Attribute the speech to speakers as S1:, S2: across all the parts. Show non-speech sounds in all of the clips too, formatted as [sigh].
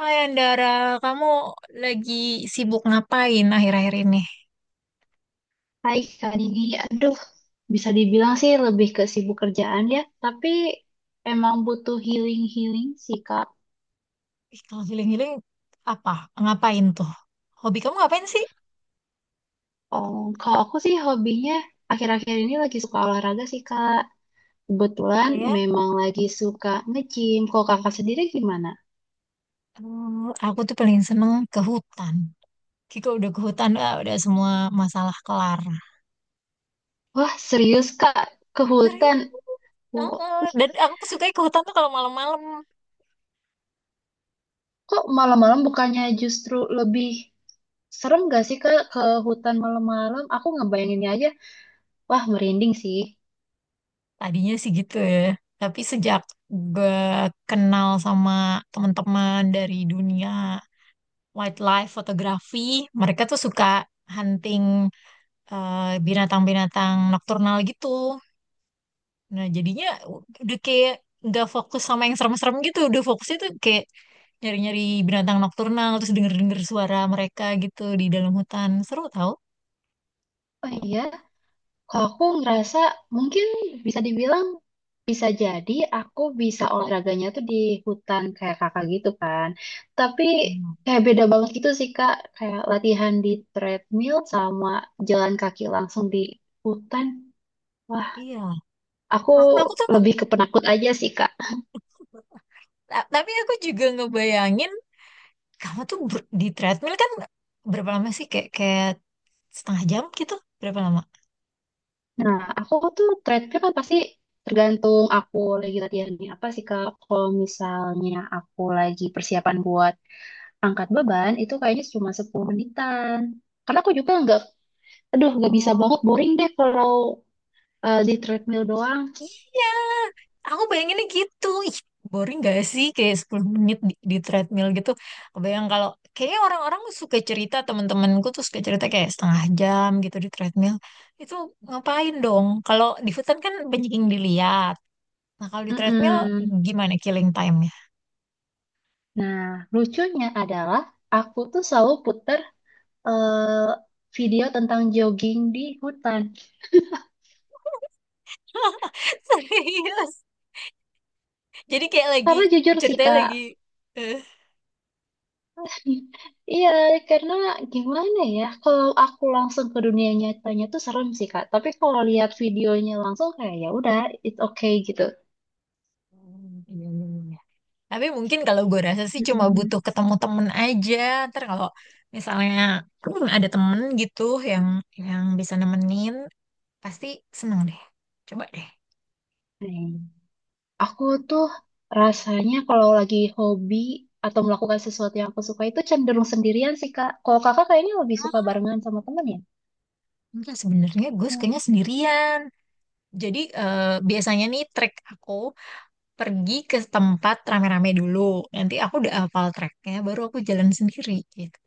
S1: Hai Andara, kamu lagi sibuk ngapain akhir-akhir ini?
S2: Hai Kak Didi, aduh bisa dibilang sih lebih ke sibuk kerjaan ya, tapi emang butuh healing-healing sih Kak.
S1: Ih, kalau healing-healing apa? Ngapain tuh? Hobi kamu ngapain sih?
S2: Oh, kalau aku sih hobinya akhir-akhir ini lagi suka olahraga sih Kak.
S1: Oh
S2: Kebetulan
S1: ya.
S2: memang lagi suka nge-gym. Kalau kakak sendiri gimana?
S1: Aku tuh paling seneng ke hutan. Kayak kalau udah ke hutan, ah, udah semua masalah kelar.
S2: Wah serius Kak, ke
S1: Serius?
S2: hutan. Wah,
S1: Heeh.
S2: wih,
S1: Dan aku suka ke hutan tuh kalau malam-malam.
S2: kok malam-malam bukannya justru lebih serem gak sih Kak ke hutan malam-malam? Aku ngebayanginnya aja, wah merinding sih.
S1: Tadinya sih gitu ya. Tapi sejak gue kenal sama teman-teman dari dunia wildlife fotografi, mereka tuh suka hunting, eh, binatang-binatang nokturnal gitu. Nah, jadinya udah kayak nggak fokus sama yang serem-serem gitu. Udah fokusnya tuh kayak nyari-nyari binatang nokturnal, terus denger-denger suara mereka gitu di dalam hutan. Seru tau.
S2: Oh iya, kalau aku ngerasa mungkin bisa dibilang bisa jadi aku bisa olahraganya tuh di hutan kayak kakak gitu kan. Tapi
S1: Hmm,
S2: kayak beda banget gitu sih kak. Kayak latihan di treadmill sama jalan kaki langsung di hutan. Wah,
S1: iya.
S2: aku
S1: Aku tuh,
S2: lebih ke penakut aja sih kak.
S1: tapi aku juga ngebayangin, kamu tuh di treadmill kan berapa lama sih? Kayak setengah jam gitu? Berapa lama?
S2: Nah, aku tuh treadmill kan pasti tergantung aku lagi latihan di apa sih kak. Kalau misalnya aku lagi persiapan buat angkat beban itu kayaknya cuma 10 menitan. Karena aku juga nggak, aduh nggak bisa banget
S1: Oh.
S2: boring deh kalau di treadmill doang.
S1: Iya, aku bayanginnya gitu. Ih, boring gak sih kayak 10 menit di treadmill gitu. Kebayang kalau kayaknya orang-orang suka cerita, teman-temanku tuh suka cerita kayak setengah jam gitu di treadmill. Itu ngapain dong? Kalau di hutan kan banyak yang dilihat. Nah, kalau di treadmill
S2: Mm-mm.
S1: gimana killing time-nya?
S2: Nah, lucunya adalah aku tuh selalu puter eh, video tentang jogging di hutan.
S1: [laughs] Serius. Jadi kayak lagi
S2: Karena jujur sih
S1: ceritanya
S2: Kak,
S1: lagi. eh,
S2: [laughs] iya karena gimana ya, kalau aku langsung ke dunia nyatanya tuh serem sih Kak. Tapi kalau lihat videonya langsung kayak ya udah, it's okay gitu.
S1: Tapi mungkin kalau gue rasa sih cuma
S2: Mm-mm.
S1: butuh ketemu temen aja. Ntar kalau misalnya [clears throat] ada temen gitu yang yang bisa nemenin, pasti seneng deh. Coba deh.
S2: Nah, aku tuh rasanya kalau lagi hobi atau melakukan sesuatu yang aku suka itu cenderung sendirian sih, Kak. Kalau Kakak kayaknya lebih suka
S1: Oh,
S2: barengan sama temen ya?
S1: enggak, sebenarnya gue sukanya
S2: Hmm.
S1: sendirian. Jadi biasanya nih trek aku pergi ke tempat rame-rame dulu. Nanti aku udah hafal treknya, baru aku jalan sendiri gitu.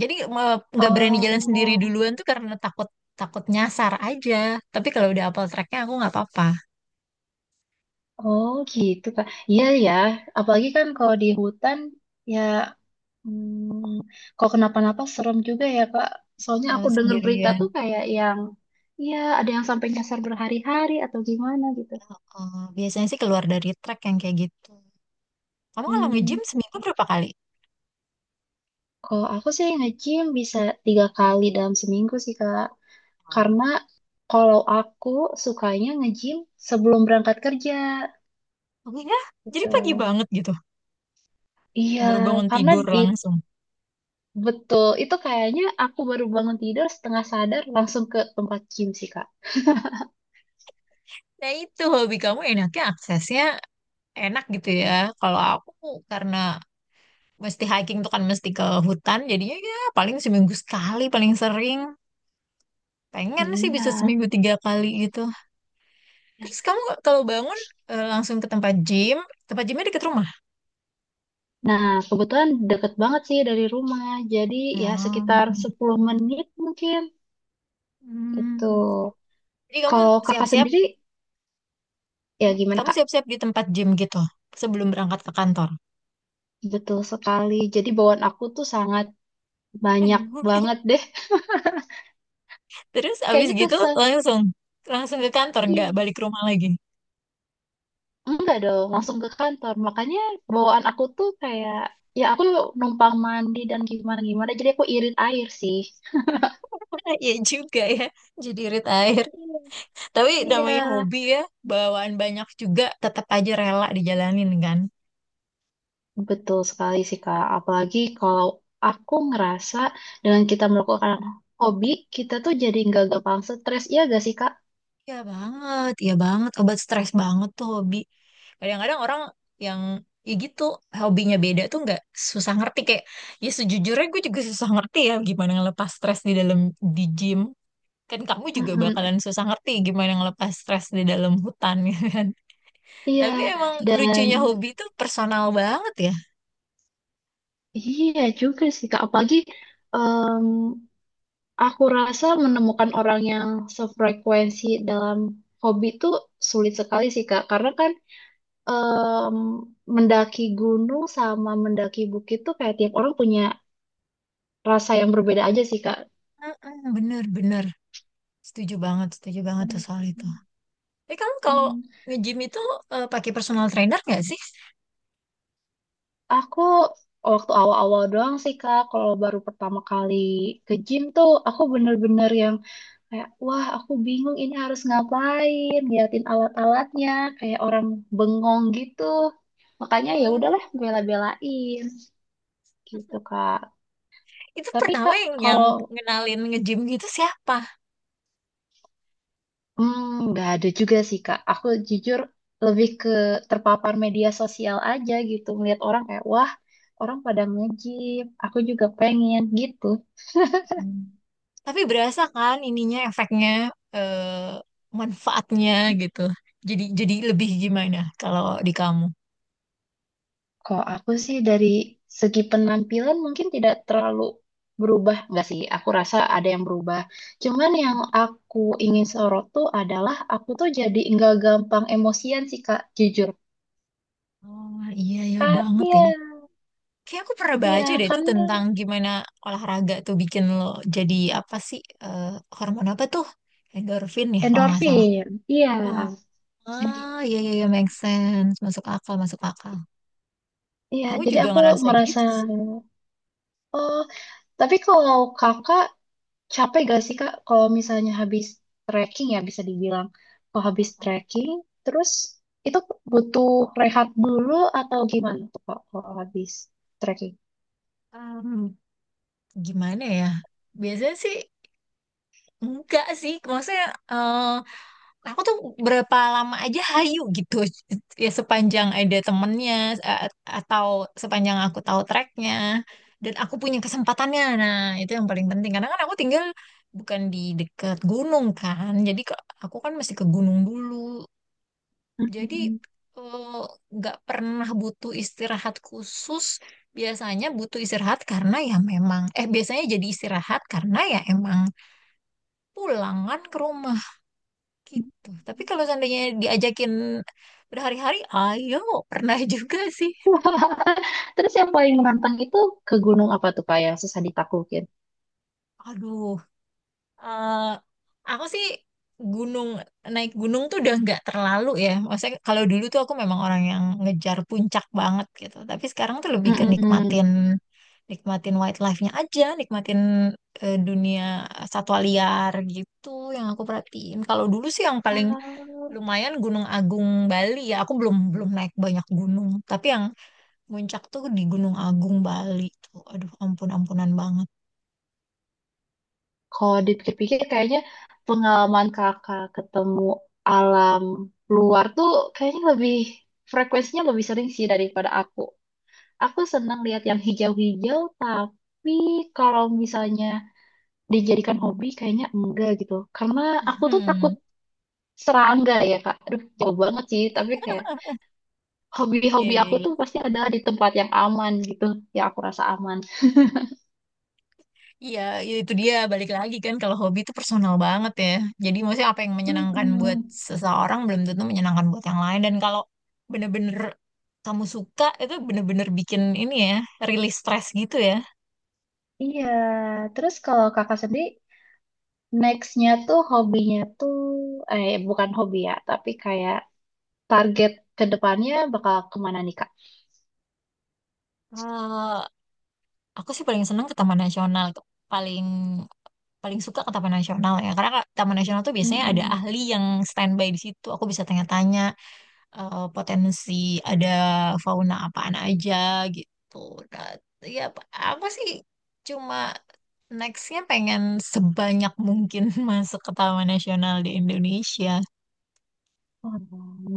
S1: Jadi nggak berani jalan sendiri
S2: Oh,
S1: duluan tuh karena takut takut nyasar aja. Tapi kalau udah hafal treknya aku nggak apa-apa.
S2: oh gitu, Kak. Iya ya, apalagi kan kalau di hutan ya, kalau kenapa-napa serem juga ya, Kak. Soalnya aku
S1: Eh,
S2: dengar berita tuh
S1: sendirian.
S2: kayak yang ya ada yang sampai nyasar berhari-hari atau gimana gitu.
S1: Eh, biasanya sih keluar dari track yang kayak gitu. Kamu kalau
S2: Hmm,
S1: nge-gym seminggu berapa kali?
S2: kalau aku sih nge-gym bisa 3 kali dalam seminggu sih, Kak.
S1: Hmm.
S2: Karena kalau aku sukanya nge-gym sebelum berangkat kerja
S1: Aku ya, jadi
S2: gitu.
S1: pagi banget gitu.
S2: Iya,
S1: Baru bangun
S2: karena
S1: tidur
S2: di
S1: langsung.
S2: betul itu kayaknya aku baru bangun tidur setengah sadar langsung ke tempat gym sih Kak.
S1: Nah itu hobi kamu enaknya aksesnya enak gitu ya. Kalau aku karena mesti hiking tuh kan mesti ke hutan. Jadinya ya paling seminggu sekali paling sering. Pengen sih
S2: Iya.
S1: bisa seminggu tiga kali gitu. Terus kamu kalau bangun langsung ke tempat gym. Tempat gymnya deket rumah.
S2: Nah, kebetulan deket banget sih dari rumah. Jadi ya sekitar
S1: Ya.
S2: 10 menit mungkin gitu.
S1: Hmm. Jadi kamu
S2: Kalau Kakak
S1: siap-siap.
S2: sendiri ya gimana
S1: Kamu
S2: Kak?
S1: siap-siap di tempat gym gitu sebelum berangkat ke kantor.
S2: Betul sekali. Jadi bawaan aku tuh sangat banyak
S1: [laughs]
S2: banget deh.
S1: Terus
S2: [laughs]
S1: abis
S2: Kayaknya
S1: gitu
S2: kesel.
S1: langsung langsung ke kantor nggak
S2: Iya.
S1: balik ke rumah lagi.
S2: Enggak dong, langsung ke kantor. Makanya bawaan aku tuh kayak, ya aku numpang mandi dan gimana-gimana, jadi aku irit air sih.
S1: [laughs] Ya juga ya, jadi irit air.
S2: Iya.
S1: Tapi
S2: Iya,
S1: namanya hobi ya, bawaan banyak juga tetap aja rela dijalanin kan.
S2: betul sekali sih Kak. Apalagi kalau aku ngerasa dengan kita melakukan hobi, kita tuh jadi nggak gampang stres. Iya gak sih Kak?
S1: Iya banget, iya banget. Obat stres banget tuh hobi. Kadang-kadang orang yang ya gitu hobinya beda tuh nggak susah ngerti kayak ya sejujurnya gue juga susah ngerti ya gimana ngelepas stres di dalam di gym. Kan kamu juga
S2: Mm-mm.
S1: bakalan susah ngerti gimana ngelepas stres di dalam hutan [laughs] gitu kan.
S2: Iya,
S1: Tapi emang
S2: dan
S1: lucunya hobi itu personal banget ya.
S2: iya juga sih Kak. Apalagi aku rasa menemukan orang yang sefrekuensi dalam hobi itu sulit sekali sih Kak, karena kan em, mendaki gunung sama mendaki bukit tuh kayak tiap orang punya rasa yang berbeda aja sih Kak.
S1: Mm-mm, bener-bener. Setuju banget tuh soal itu. Tapi kamu kalau
S2: Hmm.
S1: nge-gym itu pakai personal trainer nggak sih?
S2: Aku waktu awal-awal doang sih Kak, kalau baru pertama kali ke gym tuh aku bener-bener yang kayak, wah aku bingung ini harus ngapain, liatin alat-alatnya, kayak orang bengong gitu. Makanya ya
S1: Hmm,
S2: udahlah bela-belain gitu, Kak.
S1: itu
S2: Tapi
S1: pertama
S2: Kak,
S1: yang
S2: kalau
S1: ngenalin nge-gym gitu siapa?
S2: hmm, nggak ada juga sih, Kak. Aku jujur lebih ke terpapar media sosial aja gitu, melihat orang kayak, wah orang pada nge-gym, aku juga pengen gitu.
S1: Hmm. Tapi berasa kan ininya efeknya eh manfaatnya gitu. Jadi lebih gimana kalau di kamu?
S2: Kalau aku sih dari segi penampilan mungkin tidak terlalu berubah, nggak sih? Aku rasa ada yang berubah. Cuman yang aku ingin sorot tuh adalah aku tuh jadi nggak gampang emosian sih Kak, jujur.
S1: Oh iya ya
S2: Kak,
S1: banget
S2: iya,
S1: ya. Kayak aku pernah
S2: iya,
S1: baca deh itu
S2: karena
S1: tentang gimana olahraga tuh bikin lo jadi apa sih hormon apa tuh endorfin ya kalau nggak salah.
S2: endorfin,
S1: Oh,
S2: iya,
S1: ah, iya, iya, iya, make sense, masuk akal, masuk akal.
S2: iya.
S1: Aku
S2: Jadi
S1: juga
S2: aku
S1: ngerasa
S2: merasa,
S1: gitu sih.
S2: oh, tapi kalau kakak capek gak sih Kak kalau misalnya habis trekking ya bisa dibilang. Kalau habis trekking terus itu butuh rehat dulu atau gimana tuh Kak kalau habis trekking?
S1: Um, Gimana ya? Biasanya sih enggak sih. Maksudnya eh, aku tuh berapa lama aja hayu gitu [laughs] ya sepanjang ada temennya a- atau sepanjang aku tahu tracknya dan aku punya kesempatannya nah itu yang paling penting karena kan aku tinggal bukan di dekat gunung kan jadi aku kan mesti ke gunung dulu jadi
S2: Mm.
S1: eh, nggak pernah butuh istirahat khusus biasanya butuh istirahat karena ya memang biasanya jadi istirahat karena ya emang pulangan ke rumah gitu. Tapi kalau seandainya diajakin berhari-hari, ayo, pernah [laughs] juga sih.
S2: [laughs] Terus yang paling menantang itu ke gunung apa tuh Kak yang susah ditaklukin?
S1: Aduh, eh, aku sih gunung, naik gunung tuh udah nggak terlalu ya. Maksudnya kalau dulu tuh aku memang orang yang ngejar puncak banget gitu. Tapi sekarang tuh lebih ke
S2: Mm-mm.
S1: nikmatin, nikmatin wildlife-nya aja, nikmatin dunia satwa liar gitu yang aku perhatiin. Kalau dulu sih yang paling
S2: Ah,
S1: lumayan Gunung Agung Bali ya, aku belum belum naik banyak gunung. Tapi yang Puncak tuh di Gunung Agung, Bali tuh. Aduh, ampun-ampunan banget.
S2: kalau dipikir-pikir kayaknya pengalaman kakak ketemu alam luar tuh kayaknya lebih frekuensinya lebih sering sih daripada aku. Aku senang lihat yang hijau-hijau, tapi kalau misalnya dijadikan hobi kayaknya enggak gitu. Karena aku tuh takut
S1: Hmm.
S2: serangga ya, Kak. Aduh, jauh banget sih, tapi kayak hobi-hobi aku
S1: eh,
S2: tuh pasti adalah di tempat yang aman gitu, yang aku rasa aman.
S1: iya, iya, itu dia balik lagi kan kalau hobi itu personal banget ya. Jadi maksudnya apa yang menyenangkan buat
S2: Mm-mm.
S1: seseorang belum tentu menyenangkan buat yang lain. Dan kalau bener-bener kamu suka itu bener-bener bikin ini ya, rilis stres gitu ya.
S2: Iya, terus kalau kakak sendiri nextnya tuh hobinya tuh eh bukan hobi ya, tapi kayak target ke depannya bakal kemana nih kak?
S1: Eh, aku sih paling seneng ke Taman Nasional, tuh. Paling paling suka ke Taman Nasional ya. Karena Taman Nasional tuh biasanya ada
S2: Mm-mm.
S1: ahli yang standby di situ. Aku bisa tanya-tanya potensi ada fauna apaan aja gitu. Nah, ya apa apa sih cuma nextnya pengen sebanyak mungkin [laughs] masuk ke Taman Nasional di Indonesia.
S2: Wah,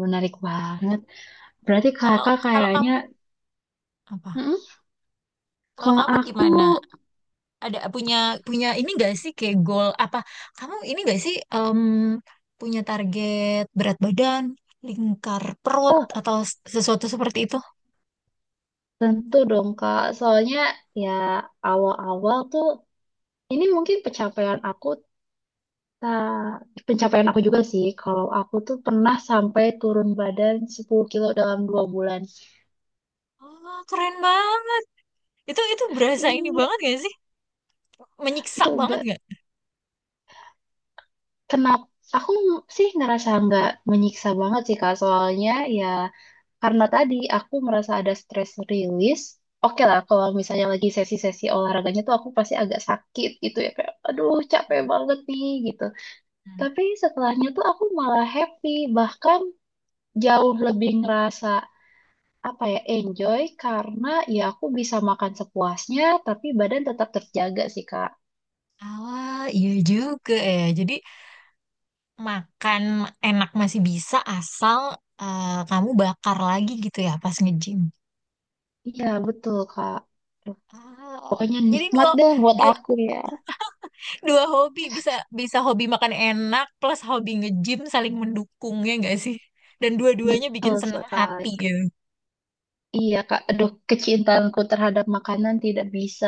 S2: menarik banget. Berarti
S1: Kalau
S2: kakak
S1: kalau kamu
S2: kayaknya,
S1: apa?
S2: Mm-mm.
S1: Kalau
S2: Kalau
S1: kamu
S2: aku,
S1: gimana? Ada punya punya ini gak sih kayak goal apa? Kamu ini gak sih punya target berat badan, lingkar perut
S2: oh
S1: atau sesuatu seperti itu?
S2: tentu dong kak. Soalnya ya awal-awal tuh, ini mungkin pencapaian aku, ta- pencapaian aku juga sih. Kalau aku tuh pernah sampai turun badan 10 kilo dalam 2 bulan.
S1: Oh, keren banget. Itu berasa ini
S2: Ini
S1: banget gak sih?
S2: itu
S1: Menyiksa banget.
S2: kenapa? Aku sih ngerasa nggak menyiksa banget sih kak. Soalnya ya karena tadi aku merasa ada stress release. Oke lah, kalau misalnya lagi sesi-sesi olahraganya tuh aku pasti agak sakit gitu ya. Kayak, aduh capek banget nih gitu.
S1: Mhm.
S2: Tapi setelahnya tuh aku malah happy. Bahkan jauh lebih ngerasa apa ya, enjoy. Karena ya aku bisa makan sepuasnya, tapi badan tetap terjaga sih, Kak.
S1: Ah, iya juga ya. Jadi makan enak masih bisa asal kamu bakar lagi gitu ya pas nge-gym.
S2: Iya, betul, Kak.
S1: Ah,
S2: Pokoknya
S1: jadi
S2: nikmat
S1: dua
S2: deh buat
S1: dua
S2: aku ya.
S1: dua hobi bisa bisa hobi makan enak plus hobi nge-gym saling mendukungnya nggak sih? Dan dua-duanya bikin
S2: Betul
S1: seneng
S2: sekali.
S1: hati ya.
S2: Iya, Kak. Aduh, kecintaanku terhadap makanan tidak bisa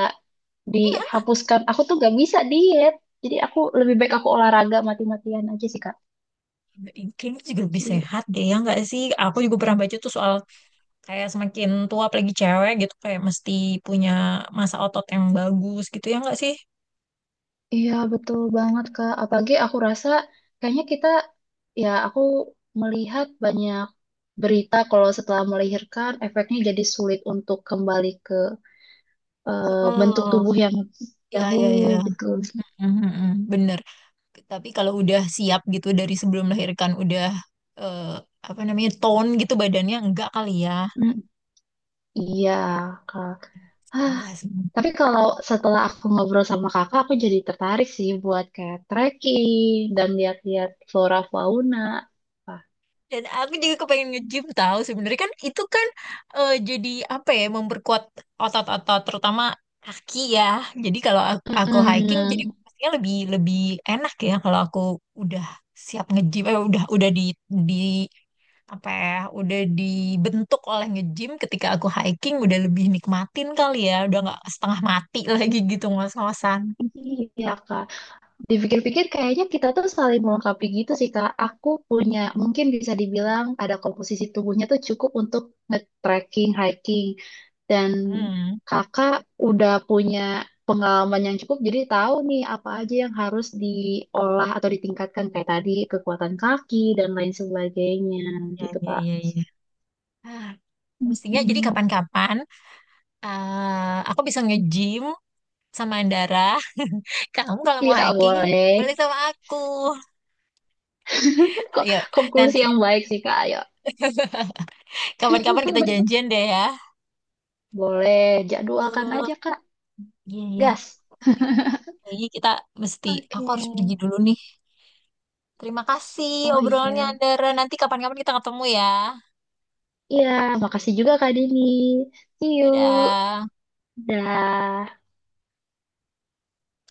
S2: dihapuskan. Aku tuh gak bisa diet. Jadi aku lebih baik aku olahraga mati-matian aja sih, Kak.
S1: Kayaknya juga lebih sehat deh ya nggak sih? Aku juga pernah baca tuh soal kayak semakin tua apalagi cewek gitu kayak mesti punya masa otot yang bagus gitu ya nggak sih?
S2: Iya, betul banget, Kak. Apalagi aku rasa kayaknya kita, ya aku melihat banyak berita kalau setelah melahirkan efeknya jadi sulit untuk kembali ke bentuk
S1: Oh,
S2: tubuh yang
S1: ya, ya,
S2: dahulu
S1: ya.
S2: gitu.
S1: Mhm, mhm, bener. Tapi kalau udah siap gitu dari sebelum melahirkan udah eh, apa namanya tone gitu badannya enggak kali ya.
S2: Mm, iya, Kak.
S1: Oh,
S2: Ah,
S1: enggak sih.
S2: tapi kalau setelah aku ngobrol sama kakak, aku jadi tertarik sih buat kayak trekking dan lihat-lihat flora fauna. Wah,
S1: Dan aku juga kepengen nge-gym tahu sebenarnya kan itu kan jadi apa ya memperkuat otot-otot terutama kaki ya. Jadi kalau aku hiking jadi
S2: Mm-mm.
S1: pastinya lebih lebih enak ya kalau aku udah siap nge-gym udah di apa ya udah dibentuk oleh nge-gym ketika aku hiking udah lebih nikmatin kali ya udah nggak setengah mati [laughs] lagi gitu ngos-ngosan.
S2: Iya, Kak. Dipikir-pikir kayaknya kita tuh saling melengkapi gitu sih Kak. Aku punya
S1: Iya.
S2: mungkin bisa dibilang ada komposisi tubuhnya tuh cukup untuk nge-trekking, hiking. Dan
S1: Hmm,
S2: Kakak udah punya pengalaman yang cukup jadi tahu nih apa aja yang harus diolah atau ditingkatkan kayak tadi kekuatan kaki dan lain sebagainya
S1: ya,
S2: gitu
S1: ya,
S2: Kak.
S1: ya, ya. Ah, mestinya jadi
S2: Hmm.
S1: kapan-kapan. Ah, aku bisa nge-gym sama Andara. [laughs] Kamu kalau mau
S2: Iya
S1: hiking,
S2: boleh.
S1: boleh sama aku.
S2: Kan kok
S1: Ayo,
S2: konklusi
S1: nanti
S2: yang baik sih Kak. Ayo
S1: [laughs] kapan-kapan kita
S2: [laughs]
S1: janjian deh ya.
S2: boleh jadwalkan aja
S1: Eh,
S2: Kak.
S1: iya, iya.
S2: Gas.
S1: Tapi kayaknya kita mesti,
S2: Oke.
S1: aku harus pergi dulu nih. Terima kasih
S2: Oh
S1: obrolannya
S2: iya.
S1: Andara. Nanti kapan-kapan kita ketemu ya.
S2: Iya, makasih juga Kak Dini. See you.
S1: Dadah.
S2: Dah.